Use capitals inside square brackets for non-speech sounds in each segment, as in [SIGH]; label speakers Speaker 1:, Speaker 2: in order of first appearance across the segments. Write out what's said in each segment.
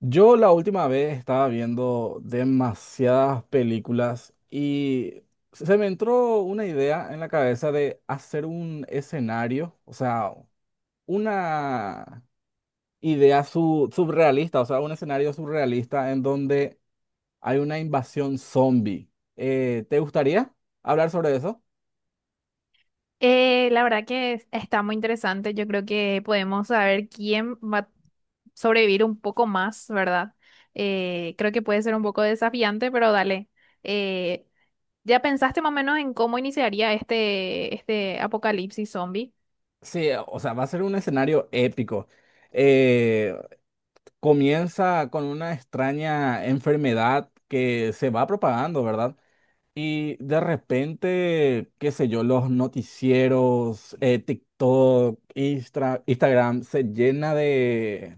Speaker 1: Yo la última vez estaba viendo demasiadas películas y se me entró una idea en la cabeza de hacer un escenario, o sea, una idea surrealista, o sea, un escenario surrealista en donde hay una invasión zombie. ¿te gustaría hablar sobre eso?
Speaker 2: La verdad que está muy interesante. Yo creo que podemos saber quién va a sobrevivir un poco más, ¿verdad? Creo que puede ser un poco desafiante, pero dale. Eh, ¿Ya pensaste más o menos en cómo iniciaría este apocalipsis zombie?
Speaker 1: Sí, o sea, va a ser un escenario épico. Eh, Comienza con una extraña enfermedad que se va propagando, ¿verdad? Y de repente, qué sé yo, los noticieros, TikTok, Instagram, se llena de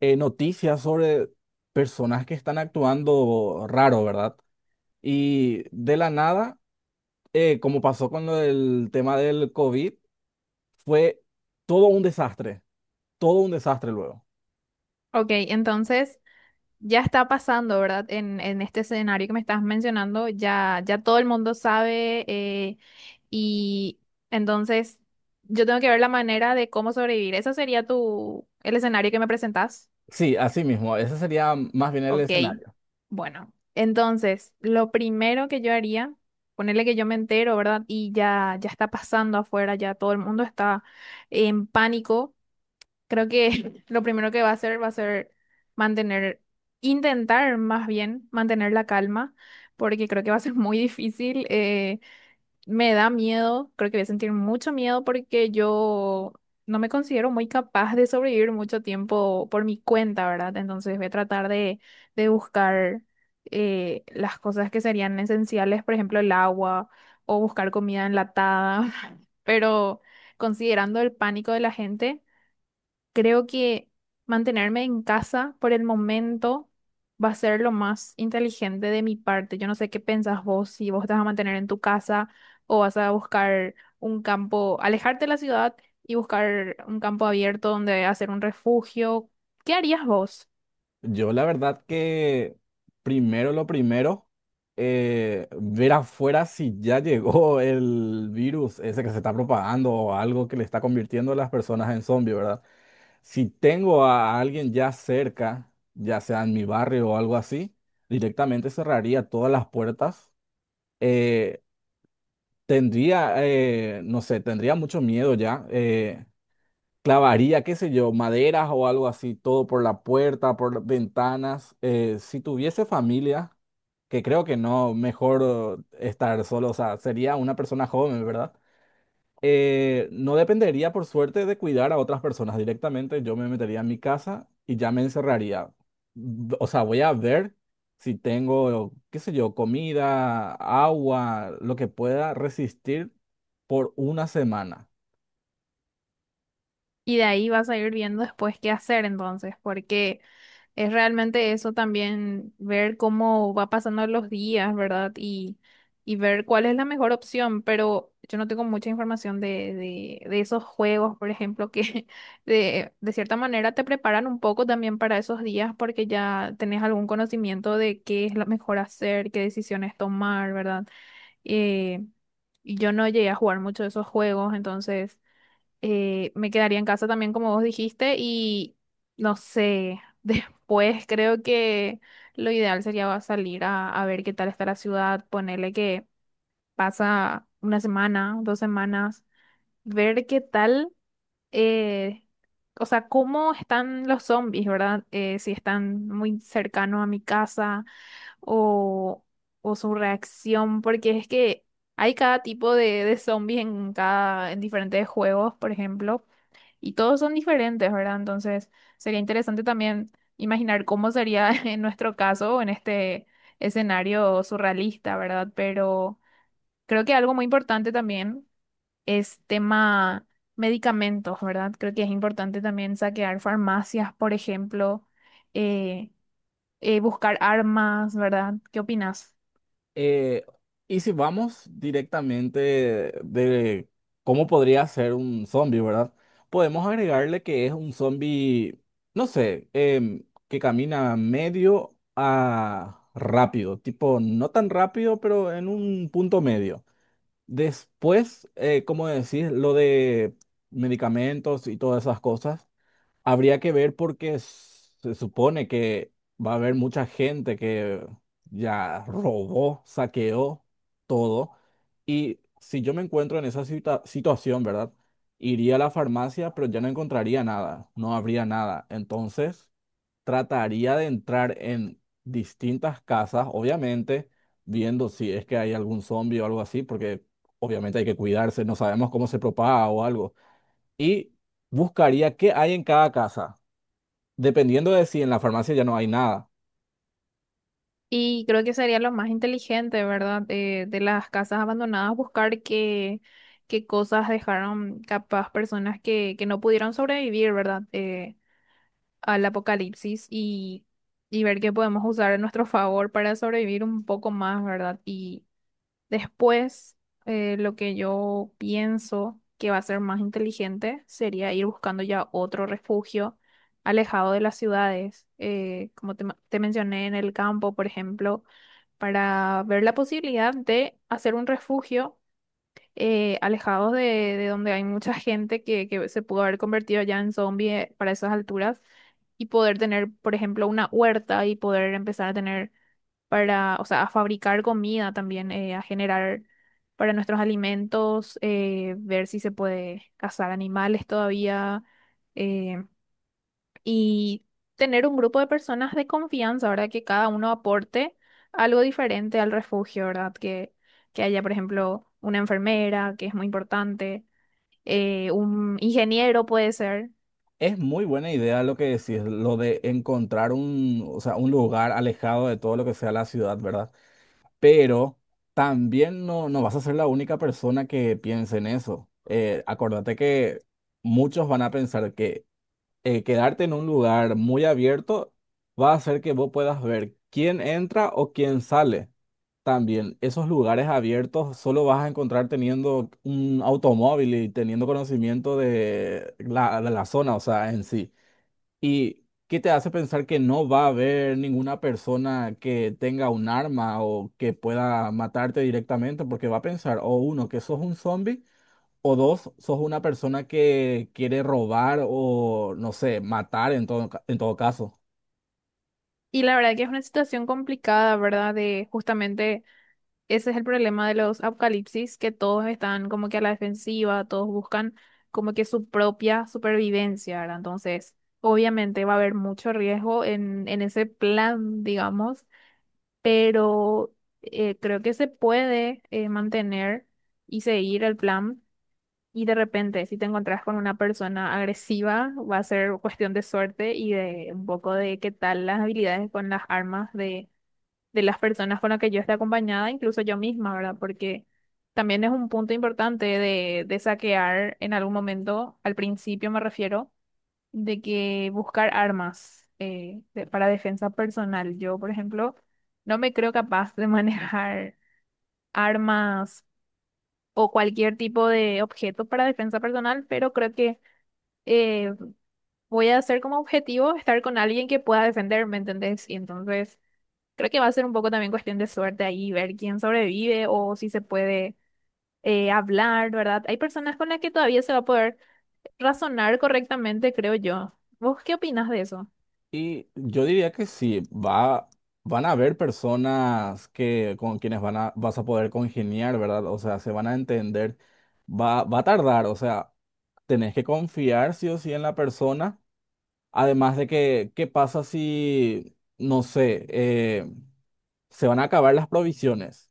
Speaker 1: noticias sobre personas que están actuando raro, ¿verdad? Y de la nada, como pasó con lo del tema del COVID, fue todo un desastre, todo un desastre luego.
Speaker 2: Ok, entonces ya está pasando, ¿verdad? En este escenario que me estás mencionando, ya todo el mundo sabe, y entonces yo tengo que ver la manera de cómo sobrevivir. ¿Eso sería tu, el escenario que me presentas?
Speaker 1: Sí, así mismo, ese sería más bien el
Speaker 2: Ok,
Speaker 1: escenario.
Speaker 2: bueno. Entonces, lo primero que yo haría, ponerle que yo me entero, ¿verdad? Y ya está pasando afuera, ya todo el mundo está en pánico. Creo que [LAUGHS] lo primero que va a hacer va a ser mantener, intentar más bien mantener la calma, porque creo que va a ser muy difícil. Me da miedo, creo que voy a sentir mucho miedo porque yo no me considero muy capaz de sobrevivir mucho tiempo por mi cuenta, ¿verdad? Entonces voy a tratar de buscar las cosas que serían esenciales, por ejemplo, el agua o buscar comida enlatada, [LAUGHS] pero considerando el pánico de la gente. Creo que mantenerme en casa por el momento va a ser lo más inteligente de mi parte. Yo no sé qué pensás vos, si vos te vas a mantener en tu casa o vas a buscar un campo, alejarte de la ciudad y buscar un campo abierto donde hacer un refugio. ¿Qué harías vos?
Speaker 1: Yo la verdad que primero lo primero, ver afuera si ya llegó el virus ese que se está propagando o algo que le está convirtiendo a las personas en zombies, ¿verdad? Si tengo a alguien ya cerca, ya sea en mi barrio o algo así, directamente cerraría todas las puertas. Eh, Tendría, no sé, tendría mucho miedo ya. Clavaría, qué sé yo, maderas o algo así, todo por la puerta, por las ventanas. Si tuviese familia, que creo que no, mejor estar solo, o sea, sería una persona joven, ¿verdad? No dependería, por suerte, de cuidar a otras personas directamente. Yo me metería en mi casa y ya me encerraría. O sea, voy a ver si tengo, qué sé yo, comida, agua, lo que pueda resistir por una semana.
Speaker 2: Y de ahí vas a ir viendo después qué hacer entonces, porque... es realmente eso también, ver cómo va pasando los días, ¿verdad? Y ver cuál es la mejor opción, pero yo no tengo mucha información de esos juegos, por ejemplo, que [LAUGHS] de cierta manera te preparan un poco también para esos días porque ya tenés algún conocimiento de qué es lo mejor hacer, qué decisiones tomar, ¿verdad? Eh, y yo no llegué a jugar mucho de esos juegos, entonces me quedaría en casa también, como vos dijiste, y no sé, [LAUGHS] después creo que lo ideal sería salir a ver qué tal está la ciudad, ponerle que pasa una semana, dos semanas, ver qué tal, eh, o sea, cómo están los zombies, ¿verdad? Si están muy cercanos a mi casa o, o su reacción, porque es que hay cada tipo de zombies en cada, en diferentes juegos, por ejemplo, y todos son diferentes, ¿verdad? Entonces, sería interesante también imaginar cómo sería [LAUGHS] en nuestro caso, en este escenario surrealista, ¿verdad? Pero creo que algo muy importante también es tema medicamentos, ¿verdad? Creo que es importante también saquear farmacias, por ejemplo, eh, buscar armas, ¿verdad? ¿Qué opinas?
Speaker 1: Eh, y si vamos directamente de cómo podría ser un zombie, ¿verdad? Podemos agregarle que es un zombie, no sé, que camina medio a rápido, tipo no tan rápido, pero en un punto medio. Después, como decís, lo de medicamentos y todas esas cosas. Habría que ver porque se supone que va a haber mucha gente que ya robó, saqueó todo. Y si yo me encuentro en esa situación, ¿verdad? Iría a la farmacia, pero ya no encontraría nada, no habría nada. Entonces, trataría de entrar en distintas casas, obviamente, viendo si es que hay algún zombie o algo así, porque obviamente hay que cuidarse, no sabemos cómo se propaga o algo. Y buscaría qué hay en cada casa, dependiendo de si en la farmacia ya no hay nada.
Speaker 2: Y creo que sería lo más inteligente, ¿verdad? De las casas abandonadas, buscar qué, qué cosas dejaron capaz personas que no pudieron sobrevivir, ¿verdad? Al apocalipsis y ver qué podemos usar a nuestro favor para sobrevivir un poco más, ¿verdad? Y después, lo que yo pienso que va a ser más inteligente sería ir buscando ya otro refugio alejado de las ciudades. Como te te mencioné en el campo, por ejemplo, para ver la posibilidad de hacer un refugio alejados de donde hay mucha gente que se pudo haber convertido ya en zombie para esas alturas y poder tener, por ejemplo, una huerta y poder empezar a tener para, o sea, a fabricar comida también, a generar para nuestros alimentos, ver si se puede cazar animales todavía. eh, y tener un grupo de personas de confianza, ¿verdad? Que cada uno aporte algo diferente al refugio, ¿verdad? Que haya, por ejemplo, una enfermera, que es muy importante,
Speaker 1: E-
Speaker 2: un ingeniero puede ser.
Speaker 1: Es muy buena idea lo que decís, lo de encontrar un, o sea, un lugar alejado de todo lo que sea la ciudad, ¿verdad? Pero también no, no vas a ser la única persona que piense en eso. Acordate que muchos van a pensar que quedarte en un lugar muy abierto va a hacer que vos puedas ver quién entra o quién sale. También esos lugares abiertos solo vas a encontrar teniendo un automóvil y teniendo conocimiento de la zona, o sea, en sí. ¿Y qué te hace pensar que no va a haber ninguna persona que tenga un arma o que pueda matarte directamente? Porque va a pensar, o uno, que sos un zombie o dos, sos una persona que quiere robar o, no sé, matar en todo, en todo caso.
Speaker 2: Y la verdad que es una situación complicada, ¿verdad? De justamente ese es el problema de los apocalipsis, que todos están como que a la defensiva, todos buscan como que su propia supervivencia, ¿verdad? Entonces, obviamente va a haber mucho riesgo en ese plan, digamos, pero creo que se puede mantener y seguir el plan. Y de repente, si te encontrás con una persona agresiva, va a ser cuestión de suerte y de un poco de qué tal las habilidades con las armas de las personas con las que yo esté acompañada, incluso yo misma, ¿verdad? Porque también es un punto importante de saquear en algún momento, al principio me refiero de que buscar armas para defensa personal. Yo, por ejemplo, no me creo capaz de [LAUGHS] manejar armas o cualquier tipo de objeto para defensa personal, pero creo que eh, voy a hacer como objetivo estar con alguien que pueda defenderme, ¿entendés? Y entonces creo que va a ser un poco también cuestión de suerte ahí, ver quién sobrevive o si se puede hablar, ¿verdad? Hay personas con las que todavía se va a poder razonar correctamente, creo yo. ¿Vos qué opinas de eso?
Speaker 1: Y yo diría que sí, va, van a haber personas que, con quienes van a, vas a poder congeniar, ¿verdad? O sea, se van a entender. Va, va a tardar, o sea, tenés que confiar sí o sí en la persona. Además de que, ¿qué pasa si, no sé, se van a acabar las provisiones?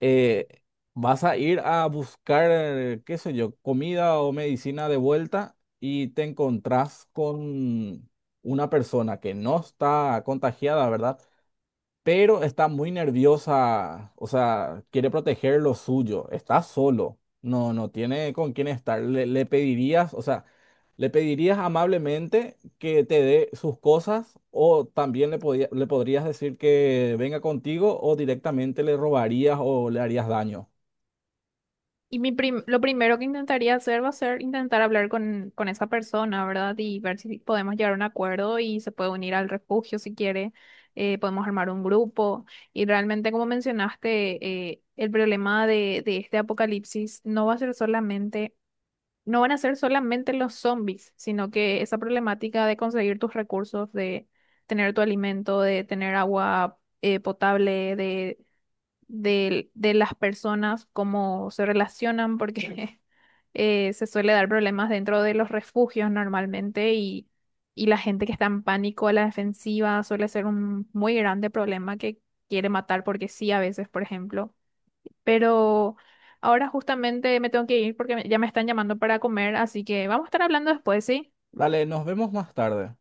Speaker 1: eh, Vas a ir a buscar, qué sé yo, comida o medicina de vuelta y te encontrás con una persona que no está contagiada, ¿verdad? Pero está muy nerviosa, o sea, quiere proteger lo suyo, está solo, no, no tiene con quién estar. Le pedirías, o sea, le pedirías amablemente que te dé sus cosas o también le, le podrías decir que venga contigo o directamente le robarías o le harías daño.
Speaker 2: Y mi lo primero que intentaría hacer va a ser intentar hablar con esa persona, ¿verdad? Y ver si podemos llegar a un acuerdo y se puede unir al refugio si quiere. Podemos armar un grupo. Y realmente, como mencionaste, el problema de este apocalipsis no va a ser solamente, no van a ser solamente los zombies, sino que esa problemática de conseguir tus recursos, de tener tu alimento, de tener agua, potable, de las personas, cómo se relacionan, porque [LAUGHS] se suele dar problemas dentro de los refugios normalmente y la gente que está en pánico a la defensiva suele ser un muy grande problema que quiere matar porque sí, a veces, por ejemplo. Pero ahora justamente me tengo que ir porque ya me están llamando para comer, así que vamos a estar hablando después, ¿sí?
Speaker 1: Dale, nos vemos más tarde.